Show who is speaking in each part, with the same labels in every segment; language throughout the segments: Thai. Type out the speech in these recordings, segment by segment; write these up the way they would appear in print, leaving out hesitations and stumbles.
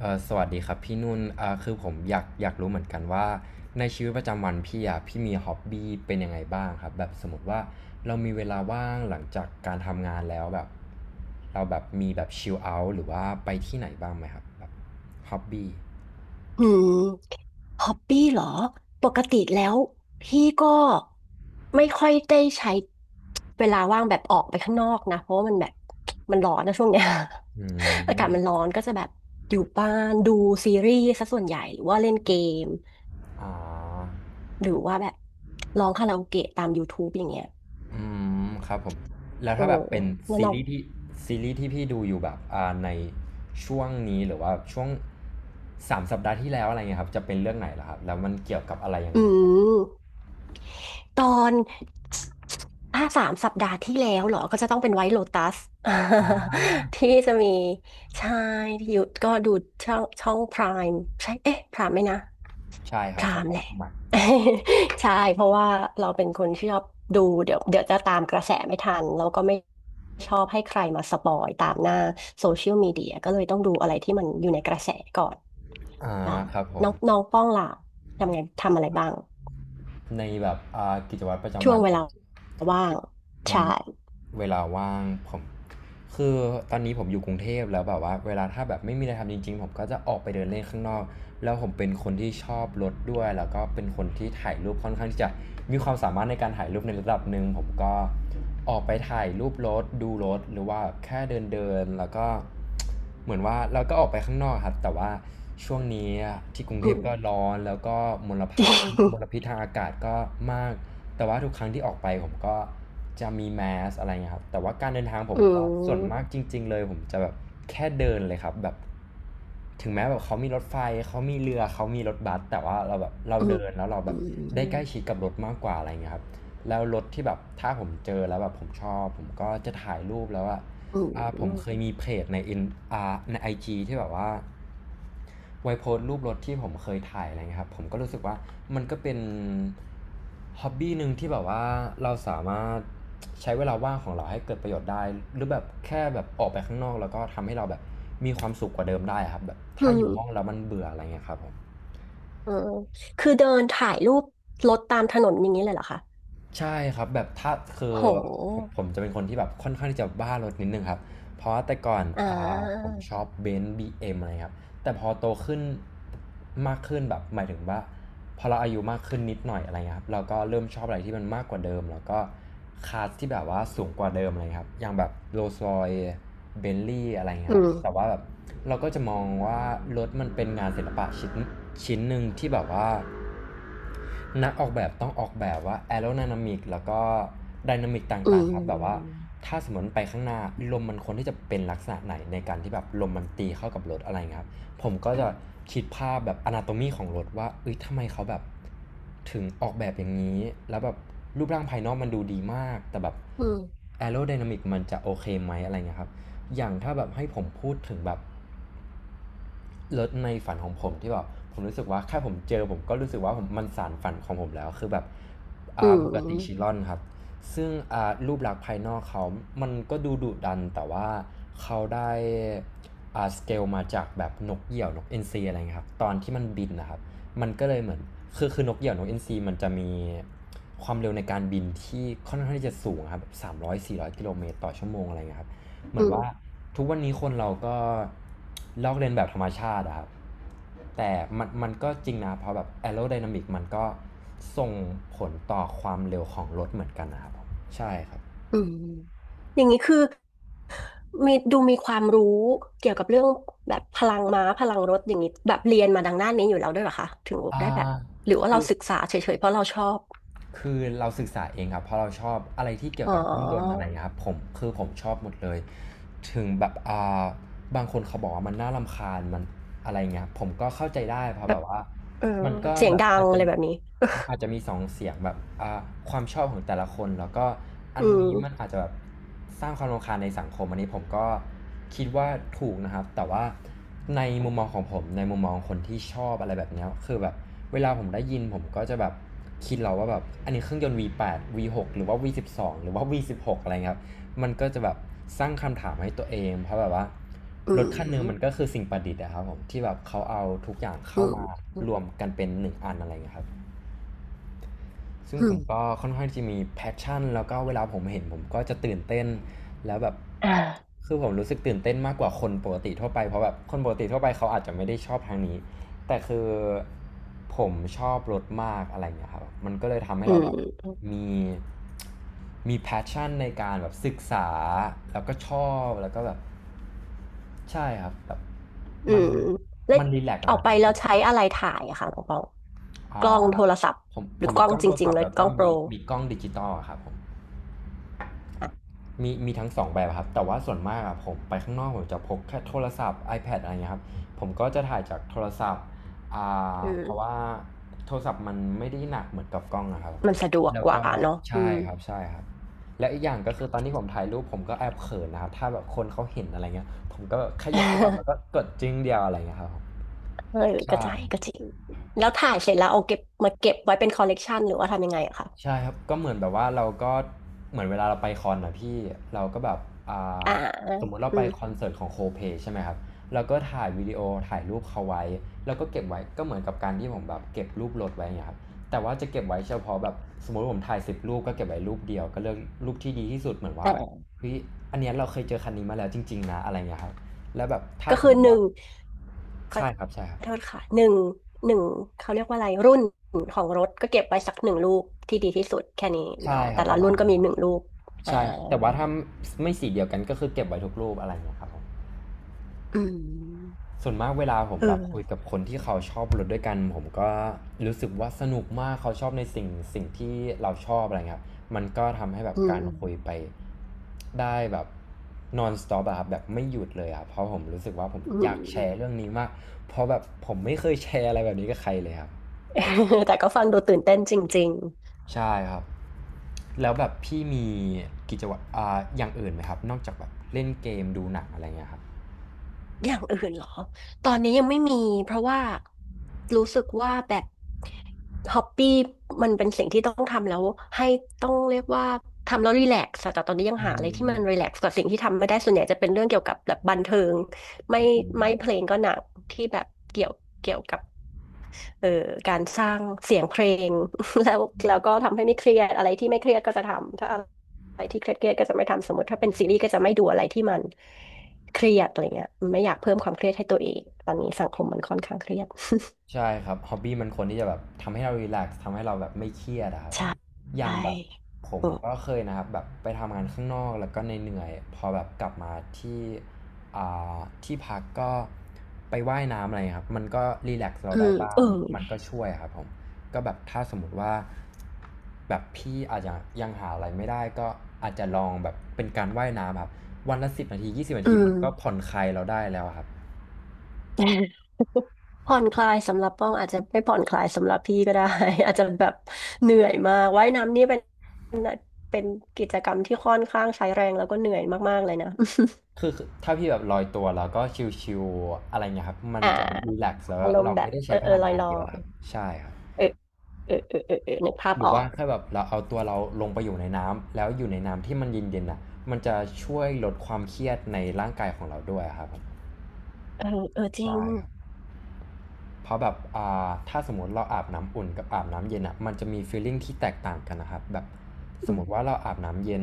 Speaker 1: สวัสดีครับพี่นุ่นคือผมอยากรู้เหมือนกันว่าในชีวิตประจำวันพี่อ่ะพี่มีฮ็อบบี้เป็นยังไงบ้างครับแบบสมมติว่าเรามีเวลาว่างหลังจากการทำงานแล้วแบบเราแบบมีแบบชิลเอาท์หรือว่าไปที่ไหนบ้างไหมครับแบบฮ็อบบี้
Speaker 2: หืมฮอปปี้เหรอ ปกติแล้วพี่ก็ไม่ค่อยได้ใช้เวลาว่างแบบออกไปข้างนอกนะ เพราะว่ามันแบบมันร้อนนะช่วงเนี้ย
Speaker 1: อื
Speaker 2: อากา
Speaker 1: ม
Speaker 2: ศมันร้อนก็จะแบบอยู่บ้านดูซีรีส์ซะส่วนใหญ่หรือว่าเล่นเกม
Speaker 1: อ๋อ
Speaker 2: หรือว่าแบบร้องคาราโอเกะตาม YouTube อย่างเงี้ย
Speaker 1: อืมครับผมแล้ว
Speaker 2: เออ
Speaker 1: ถ้าแบบเป็น
Speaker 2: แล้ว
Speaker 1: ซี
Speaker 2: น้อง
Speaker 1: รีส์ที่ซีรีส์ที่พี่ดูอยู่แบบในช่วงนี้หรือว่าช่วง3 สัปดาห์ที่แล้วอะไรเงี้ยครับจะเป็นเรื่องไหนล่ะครับแล้วมันเกี่ยวกับอะไรยัง
Speaker 2: อื
Speaker 1: ไง
Speaker 2: ม ตอนสามสัปดาห์ที่แล้วเหรอ ก็จะต้องเป็นไวท์โลตัส ที่จะมีใช่ที่อยู่ก็ดูช่องช่องพรามใช่เอ๊ะพรามไหมนะ
Speaker 1: ใช่ค
Speaker 2: พ
Speaker 1: รับ
Speaker 2: รา
Speaker 1: ใช่
Speaker 2: ม
Speaker 1: ครั
Speaker 2: แห
Speaker 1: บ
Speaker 2: ละ
Speaker 1: หมักอืม
Speaker 2: ใช่เพราะว่าเราเป็นคนที่ชอบดูเดี๋ยวจะตามกระแสไม่ทันแล้วก็ไม่ชอบให้ใครมาสปอยตามหน้าโซเชียลมีเดียก็เลยต้องดูอะไรที่มันอยู่ในกระแสก่อน
Speaker 1: อา
Speaker 2: อ่า
Speaker 1: ครับผ
Speaker 2: น้
Speaker 1: ม
Speaker 2: องน้องป้องล่ะทำไงทำอะไรบ้าง
Speaker 1: ในแบบกิจวัตรประจำ
Speaker 2: ช่ว
Speaker 1: วั
Speaker 2: ง
Speaker 1: น
Speaker 2: เว
Speaker 1: ผ
Speaker 2: ลา
Speaker 1: มที่
Speaker 2: ว่าง
Speaker 1: อื
Speaker 2: ใช่
Speaker 1: มเวลาว่างผมคือตอนนี้ผมอยู่กรุงเทพแล้วแบบว่าเวลาถ้าแบบไม่มีอะไรทำจริงๆผมก็จะออกไปเดินเล่นข้างนอกแล้วผมเป็นคนที่ชอบรถด้วยแล้วก็เป็นคนที่ถ่ายรูปค่อนข้างที่จะมีความสามารถในการถ่ายรูปในระดับหนึ่งผมก็ออกไปถ่ายรูปรถดูรถหรือว่าแค่เดินๆแล้วก็ เหมือนว่าเราก็ออกไปข้างนอกครับแต่ว่าช่วงนี้ที่กรุงเท
Speaker 2: อื
Speaker 1: พ
Speaker 2: ม
Speaker 1: ก็ร้อนแล้วก็มล
Speaker 2: จ
Speaker 1: ภะ
Speaker 2: ริ
Speaker 1: มล
Speaker 2: ง
Speaker 1: พิษทางอากาศก็มากแต่ว่าทุกครั้งที่ออกไปผมก็จะมีแมสอะไรเงี้ยครับแต่ว่าการเดินทางผ
Speaker 2: อื
Speaker 1: มก็ส่วนมาก
Speaker 2: ม
Speaker 1: จริงๆเลยผมจะแบบแค่เดินเลยครับแบบถึงแม้แบบเขามีรถไฟเขามีเรือเขามีรถบัสแต่ว่าเราแบบเรา
Speaker 2: อืม
Speaker 1: เดินแล้วเราแบ
Speaker 2: อื
Speaker 1: บได้ใกล้
Speaker 2: ม
Speaker 1: ชิดกับรถมากกว่าอะไรเงี้ยครับแล้วรถที่แบบถ้าผมเจอแล้วแบบผมชอบผมก็จะถ่ายรูปแล้วอะ
Speaker 2: อื
Speaker 1: ผมเคย
Speaker 2: ม
Speaker 1: มีเพจในอินอ่าในไอจีที่แบบว่าไว้โพสต์รูปรถที่ผมเคยถ่ายอะไรเงี้ยครับผมก็รู้สึกว่ามันก็เป็นฮ็อบบี้หนึ่งที่แบบว่าเราสามารถใช้เวลาว่างของเราให้เกิดประโยชน์ได้หรือแบบแค่แบบออกไปข้างนอกแล้วก็ทำให้เราแบบมีความสุขกว่าเดิมได้ครับแบบ
Speaker 2: อื
Speaker 1: ถ้าอ
Speaker 2: ม
Speaker 1: ยู่ห้องแล้วมันเบื่ออะไรเงี้ยครับผม
Speaker 2: เออคือเดินถ่ายรูปรถตามถนนอย่างนี้เลยเหรอคะ
Speaker 1: ใช่ครับแบบถ้าคือ
Speaker 2: โ
Speaker 1: ผม
Speaker 2: ห
Speaker 1: ผมจะเป็นคนที่แบบค่อนข้างที่จะบ้ารถนิดนึงครับเพราะว่าแต่ก่อน
Speaker 2: อ่
Speaker 1: อ่าผม
Speaker 2: า
Speaker 1: ชอบเบนซ์บีเอ็มอะไรครับแต่พอโตขึ้นมากขึ้นแบบหมายถึงว่าพอเราอายุมากขึ้นนิดหน่อยอะไรเงี้ยครับเราก็เริ่มชอบอะไรที่มันมากกว่าเดิมแล้วก็คลาสที่แบบว่าสูงกว่าเดิมอะไรครับอย่างแบบโรลส์รอยเบนลี่อะไรเงี้
Speaker 2: อื
Speaker 1: ยครับแต่
Speaker 2: ม
Speaker 1: ว่าแบบเราก็จะมองว่ารถมันเป็นงานศิลปะชิ้นชิ้นหนึ่งที่แบบว่า นักออกแบบต้องออกแบบว่าแอโร d y นามิกแล้วก็ไดนามิกต
Speaker 2: อื
Speaker 1: ่างๆครับแบบว่า
Speaker 2: ม
Speaker 1: ถ้าสมมติไปข้างหน้าลมมันควรที่จะเป็นลักษณะไหนในการที่แบบลมมันตีเข้ากับรถอะไรเงี้ยครับผมก็จะคิดภาพแบบอนาโตมีของรถว่าเอ้ยทำไมเขาแบบถึงออกแบบอย่างนี้แล้วแบบรูปร่างภายนอกมันดูดีมากแต่แบบ
Speaker 2: อืม
Speaker 1: แอโร d y นามิกมันจะโอเคไหมอะไรเงี้ยครับอย่างถ้าแบบให้ผมพูดถึงแบบ รถในฝันของผมที่แบบผมรู้สึกว่าแค่ผมเจอผมก็รู้สึกว่าผมมันสานฝันของผมแล้วคือแบบ
Speaker 2: อื
Speaker 1: บุกติชิล
Speaker 2: ม
Speaker 1: อนครับซึ่งรูปลักษณ์ภายนอกเขา มันก็ดูดุดันแต่ว่าเขาได้สเกลมาจากแบบนกเหยี่ยวนกเอ็นซีอะไรเงี้ยครับตอนที่มันบินนะครับมันก็เลยเหมือนคือนกเหยี่ยวนกเอ็นซีมันจะมีความเร็วในการบินที่ค่อนข้างที่จะสูงครับ300-400 กิโลเมตรต่อชั่วโมงอะไรเงี้ยครับ เหมื
Speaker 2: อื
Speaker 1: อนว่า
Speaker 2: ม
Speaker 1: ทุกวันนี้คนเราก็ลอกเลียนแบบธรรมชาติอะครับแต่มันก็จริงนะเพราะแบบแอโรไดนามิกมันก็ส่งผลต่อความเร็วของรถเหมือนกันนะครับใช่ครับ
Speaker 2: อืมอย่างนี้คือมีดูมีความรู้เกี่ยวกับเรื่องแบบพลังม้าพลังรถอย่างนี้แบบเรียนมาดังด้านนี้อยู่แล้วด้วยเหรอคะถึง
Speaker 1: อ่า
Speaker 2: ได้แบบหรือว่า
Speaker 1: คื
Speaker 2: เรา
Speaker 1: อ
Speaker 2: ศึกษาเฉยๆเพราะเราชอบ
Speaker 1: คือเราศึกษาเองครับเพราะเราชอบอะไรที่เกี่ย
Speaker 2: อ๋
Speaker 1: วกับเครื่องยนต์อะ
Speaker 2: อ
Speaker 1: ไรครับผมคือผมชอบหมดเลยถึงแบบาบางคนเขาบอกว่ามันน่ารำคาญมันอะไรเงี้ยผมก็เข้าใจได้เพราะแบบว่า
Speaker 2: เออ
Speaker 1: มันก็
Speaker 2: เสียง
Speaker 1: แบบ
Speaker 2: ดัง
Speaker 1: อาจ
Speaker 2: อะ
Speaker 1: จะ
Speaker 2: ไรแบบนี้
Speaker 1: มันอาจจะมีสองเสียงแบบความชอบของแต่ละคนแล้วก็ อั
Speaker 2: อื
Speaker 1: น
Speaker 2: ม
Speaker 1: นี้มันอาจจะแบบสร้างความรำคาญในสังคมอันนี้ผมก็คิดว่าถูกนะครับแต่ว่าในมุมมองของผมในมุมมองคนที่ชอบอะไรแบบเนี้ยคือแบบ เวลาผมได้ยินผมก็จะแบบคิดเราว่าแบบอันนี้เครื่องยนต์ V8 V6 หกหรือว่า V12 หรือว่า V16 อะไรครับ มันก็จะแบบสร้างคำถามให้ตัวเองเพราะแบบว่า
Speaker 2: อื
Speaker 1: รถคันหนึง
Speaker 2: ม
Speaker 1: มันก็คือสิ่งประดิษฐ์อะครับผมที่แบบเขาเอาทุกอย่าง
Speaker 2: อื
Speaker 1: เข้า
Speaker 2: ม
Speaker 1: มารวมกันเป็นหนึ่งอันอะไรเงี้ยครับ ซึ่ง
Speaker 2: อื
Speaker 1: ผ
Speaker 2: ม
Speaker 1: มก็ค่อนข้างที่มีแพชชั่นแล้วก็เวลาผมเห็นผมก็จะตื่นเต้นแล้วแบบ
Speaker 2: อ่า
Speaker 1: คือผมรู้สึกตื่นเต้นมากกว่าคนปกติทั่วไปเพราะแบบคนปกติทั่วไปเขาอาจจะไม่ได้ชอบทางนี้แต่คือผมชอบรถมากอะไรอย่างเงี้ยครับมันก็เลยทำให้
Speaker 2: อื
Speaker 1: เราแบบ
Speaker 2: ม
Speaker 1: มีมีแพชชั่นในการแบบศึกษาแล้วก็ชอบแล้วก็แบบใช่ครับแบบ
Speaker 2: อื
Speaker 1: มัน
Speaker 2: มแล้ว
Speaker 1: มันรีแลกซ์กั
Speaker 2: อ
Speaker 1: บ
Speaker 2: อก
Speaker 1: มัน
Speaker 2: ไปแล้วใช้อะไรถ่ายอะค่ะน้องปองก
Speaker 1: อ่
Speaker 2: ล้อง
Speaker 1: า
Speaker 2: โทรศัพท์
Speaker 1: ผม
Speaker 2: ห
Speaker 1: ผ
Speaker 2: รือ
Speaker 1: ม
Speaker 2: ก
Speaker 1: มี
Speaker 2: ล้อ
Speaker 1: ก
Speaker 2: ง
Speaker 1: ล้อง
Speaker 2: จ
Speaker 1: โทร
Speaker 2: ริง
Speaker 1: ศัพ
Speaker 2: ๆเล
Speaker 1: ท์
Speaker 2: ย
Speaker 1: แล้ว
Speaker 2: ก
Speaker 1: ก็
Speaker 2: ล้องโปร
Speaker 1: มีกล้องดิจิตอลอะครับผม
Speaker 2: อ่ะ
Speaker 1: มีมีทั้งสองแบบครับแต่ว่าส่วนมากอะผมไปข้างนอกผมจะพกแค่โทรศัพท์ iPad อะไรเงี้ยครับผมก็จะถ่ายจากโทรศัพท์อ่
Speaker 2: อื
Speaker 1: เพราะว่า
Speaker 2: ม
Speaker 1: โทรศัพท์มันไม่ได้หนักเหมือนกับกล้องอะครับ
Speaker 2: มันสะดวก
Speaker 1: แล้ว
Speaker 2: กว่า
Speaker 1: ก็
Speaker 2: เนาะอื
Speaker 1: ใช่
Speaker 2: ม
Speaker 1: ครับใช่ครับแล้วอีกอย่างก็คือตอนที่ผมถ่ายรูปผมก็แอบเขินนะครับถ้าแบบคนเขาเห็นอะไรเงี้ยผมก็แบบแค่ยกโทรศัพท์แล้วก็ กดจึ้งเดียวอะไรเงี้ยครับผม
Speaker 2: เออก็
Speaker 1: ใช่
Speaker 2: ใช่ก็จริงแล้วถ่ายเสร็จแล้วเอาเก็บมาเก็บไว้เป็นคอลเลกชันหรือว่าทำยังไงอะคะ
Speaker 1: ใช่ครับก็เหมือนแบบว่าเราก็เหมือนเวลาเราไปคอนนะพี่เราก็แบบอ่า
Speaker 2: อ่า
Speaker 1: สมมุติเรา
Speaker 2: อื
Speaker 1: ไป
Speaker 2: ม
Speaker 1: คอนเสิร์ตของโคเพใช่ไหมครับเราก็ถ่ายวิดีโอถ่ายรูปเขาไว้แล้วก็เก็บไว้ก็เหมือนกับการที่ผมแบบเก็บรูปรถไว้อย่างเงี้ยครับแต่ว่าจะเก็บไว้เฉพาะแบบสมมติผมถ่าย10 รูปก็เก็บไว้รูปเดียวก็เลือกรูปที่ดีที่สุดเหมือนว่า
Speaker 2: อ่า
Speaker 1: เฮ้ยอันเนี้ยเราเคยเจอคันนี้มาแล้วจริงๆนะอะไรเงี้ยครับแล้วแบบถ้า
Speaker 2: ก็
Speaker 1: ส
Speaker 2: คื
Speaker 1: ม
Speaker 2: อ
Speaker 1: ม
Speaker 2: ห
Speaker 1: ติ
Speaker 2: นึ่
Speaker 1: ว่า
Speaker 2: ง ขอ
Speaker 1: ใช่ครับใช่ครับ
Speaker 2: โทษค่ะหนึ่งหนึ่งเขาเรียกว่าอะไรรุ่นของรถก็เก็บไว้สักหนึ่งลูกที่ดีที่สุดแค่นี้
Speaker 1: ใช่
Speaker 2: เนาะ
Speaker 1: ค
Speaker 2: แต่
Speaker 1: รับป
Speaker 2: ละ
Speaker 1: ระ
Speaker 2: รุ่
Speaker 1: มาณ
Speaker 2: นก็
Speaker 1: นั้น
Speaker 2: มี
Speaker 1: ครั
Speaker 2: ห
Speaker 1: บ
Speaker 2: นึ่งลูกอ่า
Speaker 1: ใช่ครับแต่ว่าถ้าไม่สีเดียวกันก็คือเก็บไว้ทุกรูปอะไรเงี้ยครับผม
Speaker 2: อืม
Speaker 1: ส่วนมากเวลาผม
Speaker 2: เ
Speaker 1: แบบคุยกั
Speaker 2: ออ
Speaker 1: บคนที่เขาชอบรถด้วยกันผมก็รู้สึกว่าสนุกมากเขาชอบในสิ่งที่เราชอบอะไรเงี้ยครับมันก็ทำให้แบบ
Speaker 2: อื
Speaker 1: กา
Speaker 2: ม
Speaker 1: รคุยไปได้แบบ non stop อะครับแบบไม่หยุดเลยอะเพราะผมรู้สึกว่าผม
Speaker 2: อื
Speaker 1: อยากแช
Speaker 2: ม
Speaker 1: ร์เรื่องนี้มากเพราะแบบผมไม่เคยแชร์อะไรแบบนี้กับใครเลยครับ
Speaker 2: แต่ก็ฟังดูตื่นเต้นจริง
Speaker 1: ใช่ครับแล้วแบบพี่มีกิจวัตรอย่างอื่นไหมครับนอกจากแบบเล่นเกมดูหนังอะไรเงี้ยครับ
Speaker 2: ๆอย่างอื่นเหรอตอนนี้ยังไม่มีเพราะว่ารู้สึกว่าแบต ฮอปปี้มันเป็นสิ่งที่ต้องทำแล้วให้ต้องเรียกว่าทำแล้วรีแลกซ์แต่ตอนนี้ยัง
Speaker 1: อื
Speaker 2: หาอะไรที่มันรี
Speaker 1: ม
Speaker 2: แลกซ์กว่าสิ่งที่ทำไม่ได้ส่วนใหญ่จะเป็นเรื่องเกี่ยวกับแบบบันเทิงไม่ไม่เพลงก็หนักที่แบบเกี่ยวเกี่ยวกับเอ่อการสร้างเสียงเพลง แล้วแล้วก็ทำให้ไม่เครียดอะไรที่ไม่เครียดก็จะทำถ้าอะไรที่เครียดก็จะไม่ทำสมมติถ้าเป็นซีรีส์ก็จะไม่ดูอะไรที่มันเครียดอะไรเงี้ยไม่อยากเพิ่มความเครียดให้ตัวเองตอนนี้สังคมมันค่อนข้างเครียด
Speaker 1: ใช่ครับฮอบบี้มันควรที่จะแบบทำให้เรารีแลกซ์ทำให้เราแบบไม่เครียดอะครับอ ย่า
Speaker 2: ใช่
Speaker 1: งแบบผ
Speaker 2: เอ
Speaker 1: ม
Speaker 2: อ
Speaker 1: ก็เคยนะครับแบบไปทำงานข้างนอกแล้วก็เหนื่อยๆพอแบบกลับมาที่อ่าที่พักก็ไปว่ายน้ำอะไรครับมันก็รีแลกซ์เรา
Speaker 2: อื
Speaker 1: ได้
Speaker 2: ม
Speaker 1: บ้า
Speaker 2: เอ
Speaker 1: ง
Speaker 2: อ
Speaker 1: มันก็ช่วยครับผมก็แบบถ้าสมมติว่าแบบพี่อาจจะยังหาอะไรไม่ได้ก็อาจจะลองแบบเป็นการว่ายน้ำครับวันละสิบนาทียี่สิบนา
Speaker 2: อื
Speaker 1: ทีมันก็ผ่อ
Speaker 2: ม
Speaker 1: นคลายเราได้แล้วอะครับ
Speaker 2: ผ่อนคลายสำหรับป้องอาจจะไม่ผ่อนคลายสำหรับพี่ก็ได้ อาจจะแบบเหนื่อยมากว่ายน้ำนี่เป็นกิจกรรมที่ค่อนข้างใช้แรงแล้วก็เหนื่อยมากๆเลยนะ
Speaker 1: คือถ้าพี่แบบลอยตัวแล้วก็ชิลๆอะไรเงี้ยครับมั น
Speaker 2: อ่า
Speaker 1: จะรีแลกซ์แล้ว
Speaker 2: อารม
Speaker 1: เรา
Speaker 2: ณ์แบบ
Speaker 1: ไม่ได้
Speaker 2: เอ
Speaker 1: ใช้
Speaker 2: อ
Speaker 1: พ
Speaker 2: เออ
Speaker 1: ลัง
Speaker 2: ลอย
Speaker 1: งาน
Speaker 2: ลอ
Speaker 1: เยอะค
Speaker 2: ย
Speaker 1: รับใช่ครับ
Speaker 2: เออเออเออเออเออนึกภาพ
Speaker 1: หรื
Speaker 2: อ
Speaker 1: อ
Speaker 2: อ
Speaker 1: ว่า
Speaker 2: ก
Speaker 1: แค่แบบเราเอาตัวเราลงไปอยู่ในน้ำแล้วอยู่ในน้ำที่มันเย็นๆน่ะมันจะช่วยลดความเครียดในร่างกายของเราด้วยครับผม
Speaker 2: เออเออจริง
Speaker 1: ใช่ครับ เพราะแบบถ้าสมมติเราอาบน้ำอุ่นกับอาบน้ำเย็นอ่ะมันจะมีฟีลลิ่งที่แตกต่างกันนะครับแบบส
Speaker 2: อื
Speaker 1: มม
Speaker 2: ม
Speaker 1: ติว่าเราอาบน้ำเย็น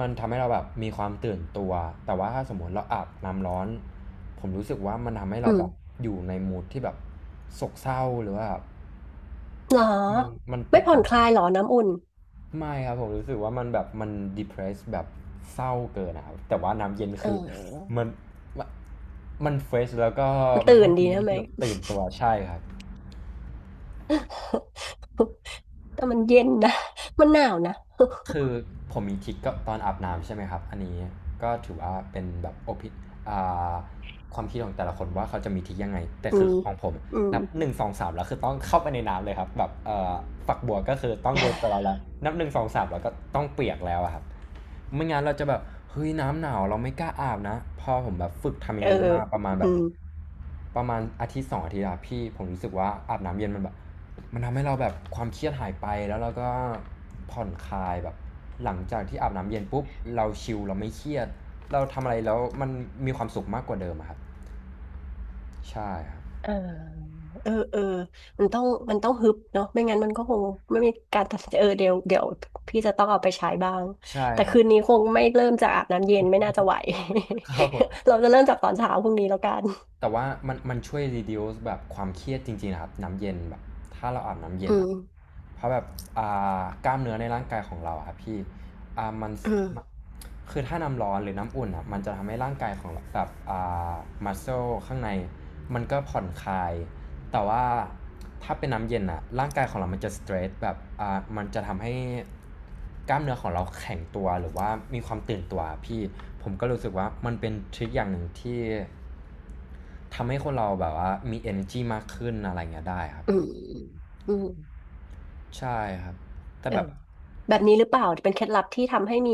Speaker 1: มันทำให้เราแบบมีความตื่นตัวแต่ว่าถ้าสมมติเราอาบน้ำร้อนผมรู้สึกว่ามันทำให้
Speaker 2: อื
Speaker 1: เรา
Speaker 2: ม
Speaker 1: แบบอยู่ในมูดที่แบบโศกเศร้าหรือว่าแบบ
Speaker 2: หรอ
Speaker 1: มันมันแต
Speaker 2: ไม่
Speaker 1: ก
Speaker 2: ผ่อน
Speaker 1: ต่าง
Speaker 2: ค
Speaker 1: กัน
Speaker 2: ลายหรอน้ำอุ่น
Speaker 1: ไม่ครับผมรู้สึกว่ามันแบบมัน depress แบบเศร้าเกินนะครับแต่ว่าน้ำเย็น
Speaker 2: เ
Speaker 1: คือ
Speaker 2: ออ
Speaker 1: มันมันเฟรชแล้วก็มัน
Speaker 2: ตื่
Speaker 1: ให้
Speaker 2: น
Speaker 1: ฟี
Speaker 2: ดี
Speaker 1: ลลิ่ง
Speaker 2: นะไหม
Speaker 1: ที่แบบตื่นตัวใช่ครับ
Speaker 2: แต่มันเย็นนะมันหนาวนะ
Speaker 1: คือผมมีทิกก็ตอนอาบน้ำใช่ไหมครับอันนี้ก็ถือว่าเป็นแบบโอพิอ่าความคิดของแต่ละคนว่าเขาจะมีทิกยังไงแต่
Speaker 2: อื
Speaker 1: คือ
Speaker 2: ม
Speaker 1: ของผม
Speaker 2: อืม
Speaker 1: นับหนึ่งสองสามแล้วคือต้องเข้าไปในน้ำเลยครับแบบฝักบัวก็คือต้องโดนตัวเรา แล้วนับหนึ่งสองสามแล้วก็ต้องเปียกแล้วอะครับไม่งั้นเราจะแบบเฮ้ยน้ำหนาวเราไม่กล้าอาบนะพอผมแบบฝึกทำอ
Speaker 2: เอ
Speaker 1: ย่า
Speaker 2: อ
Speaker 1: งนี้มาประมาณแบ
Speaker 2: อื
Speaker 1: บ
Speaker 2: ม
Speaker 1: ประมาณอาทิตย์สองอาทิตย์อะพี่ผมรู้สึกว่าอาบน้ำเย็นมันแบบ มันทำให้เราแบบความเครียดหายไปแล้วเราก็ผ่อนคลายแบบหลังจากที่อาบน้ำเย็นปุ๊บเราชิลเราไม่เครียดเราทำอะไรแล้วมันมีความสุขมากกว่าเดิมอะครับใช่ครับ
Speaker 2: เออเออเออ มันต้องมันต้องฮึบเนาะไม่งั้นมันก็คงไม่มีการตัดสินใจเออเดี๋ยวพี่จะต้องเอาไปใช้บ้าง
Speaker 1: ใช่
Speaker 2: แต่
Speaker 1: ครับ
Speaker 2: คืนนี้คงไม่เริ่มจากอาบน้ำเย็นไม่น่าจะไหว
Speaker 1: ครับผม
Speaker 2: เราจะเริ่มจากตอนเช้าพรุ่งนี้แล้วกัน
Speaker 1: แต่ว่ามันช่วย reduce แบบความเครียดจริงๆนะครับน้ำเย็นแบบถ้าเราอาบน้ำเย็
Speaker 2: อื
Speaker 1: น
Speaker 2: ม
Speaker 1: อะเพราะแบบอ่กล้ามเนื้อในร่างกายของเราอะครับพี่มัน
Speaker 2: อื
Speaker 1: ม
Speaker 2: ม
Speaker 1: คือถ้าน้ำร้อนหรือน้ำอุ่นอะมันจะทำให้ร่างกายของเราแบบา muscle ข้างในมันก็ผ่อนคลาย แต่ว่าถ้าเป็นน้ำเย็นอะร่างกายของเรามันจะสเตรสแบบมันจะทำให้กล้ามเนื้อของเราแข็งตัวหรือว่ามีความตื่นตัวพี่ผมก็รู้สึกว่ามันเป็นทริคอย่างหนึ่งที่ทำให้คนเราแบบว่ามี energy มากขึ้นอะไรเงี้ยได้ครับ
Speaker 2: อื
Speaker 1: ผม
Speaker 2: มอืม
Speaker 1: ใช่ครับแต่
Speaker 2: เออ
Speaker 1: แบบ
Speaker 2: แบบนี้หรือเปล่าเป็นเคล็ดลับที่ทำให้มี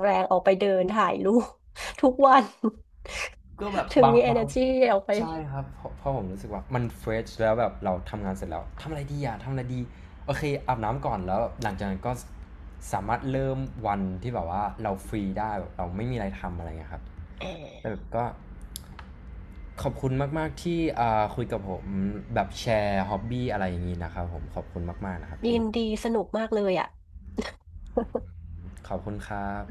Speaker 2: แรงออกไปเดินถ่ายรูป ทุกวัน
Speaker 1: ก็แบบ
Speaker 2: ถึง
Speaker 1: บาง
Speaker 2: มี
Speaker 1: บาง
Speaker 2: energy ออกไป
Speaker 1: ใช่ครับเพราะผมรู้สึกว่ามันเฟรชแล้วแบบเราทำงานเสร็จแล้วทำอะไรดีอะทำอะไรดีโอเคอาบน้ำก่อนแล้วหลังจากนั้นก็สามารถเริ่มวันที่แบบว่าเราฟรีได้แบบเราไม่มีอะไรทำอะไรเงี้ยครับแต่แบบก็ขอบคุณมากๆที่คุยกับผมแบบแชร์ฮ็อบบี้อะไรอย่างนี้นะครับผมขอบคุณมากๆนะครับพี่
Speaker 2: ยินดีสนุกมากเลยอ่ะ
Speaker 1: ขอบคุณครับ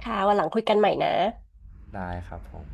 Speaker 2: ค่ะวันหลังคุยกันใหม่นะ
Speaker 1: ได้ครับผม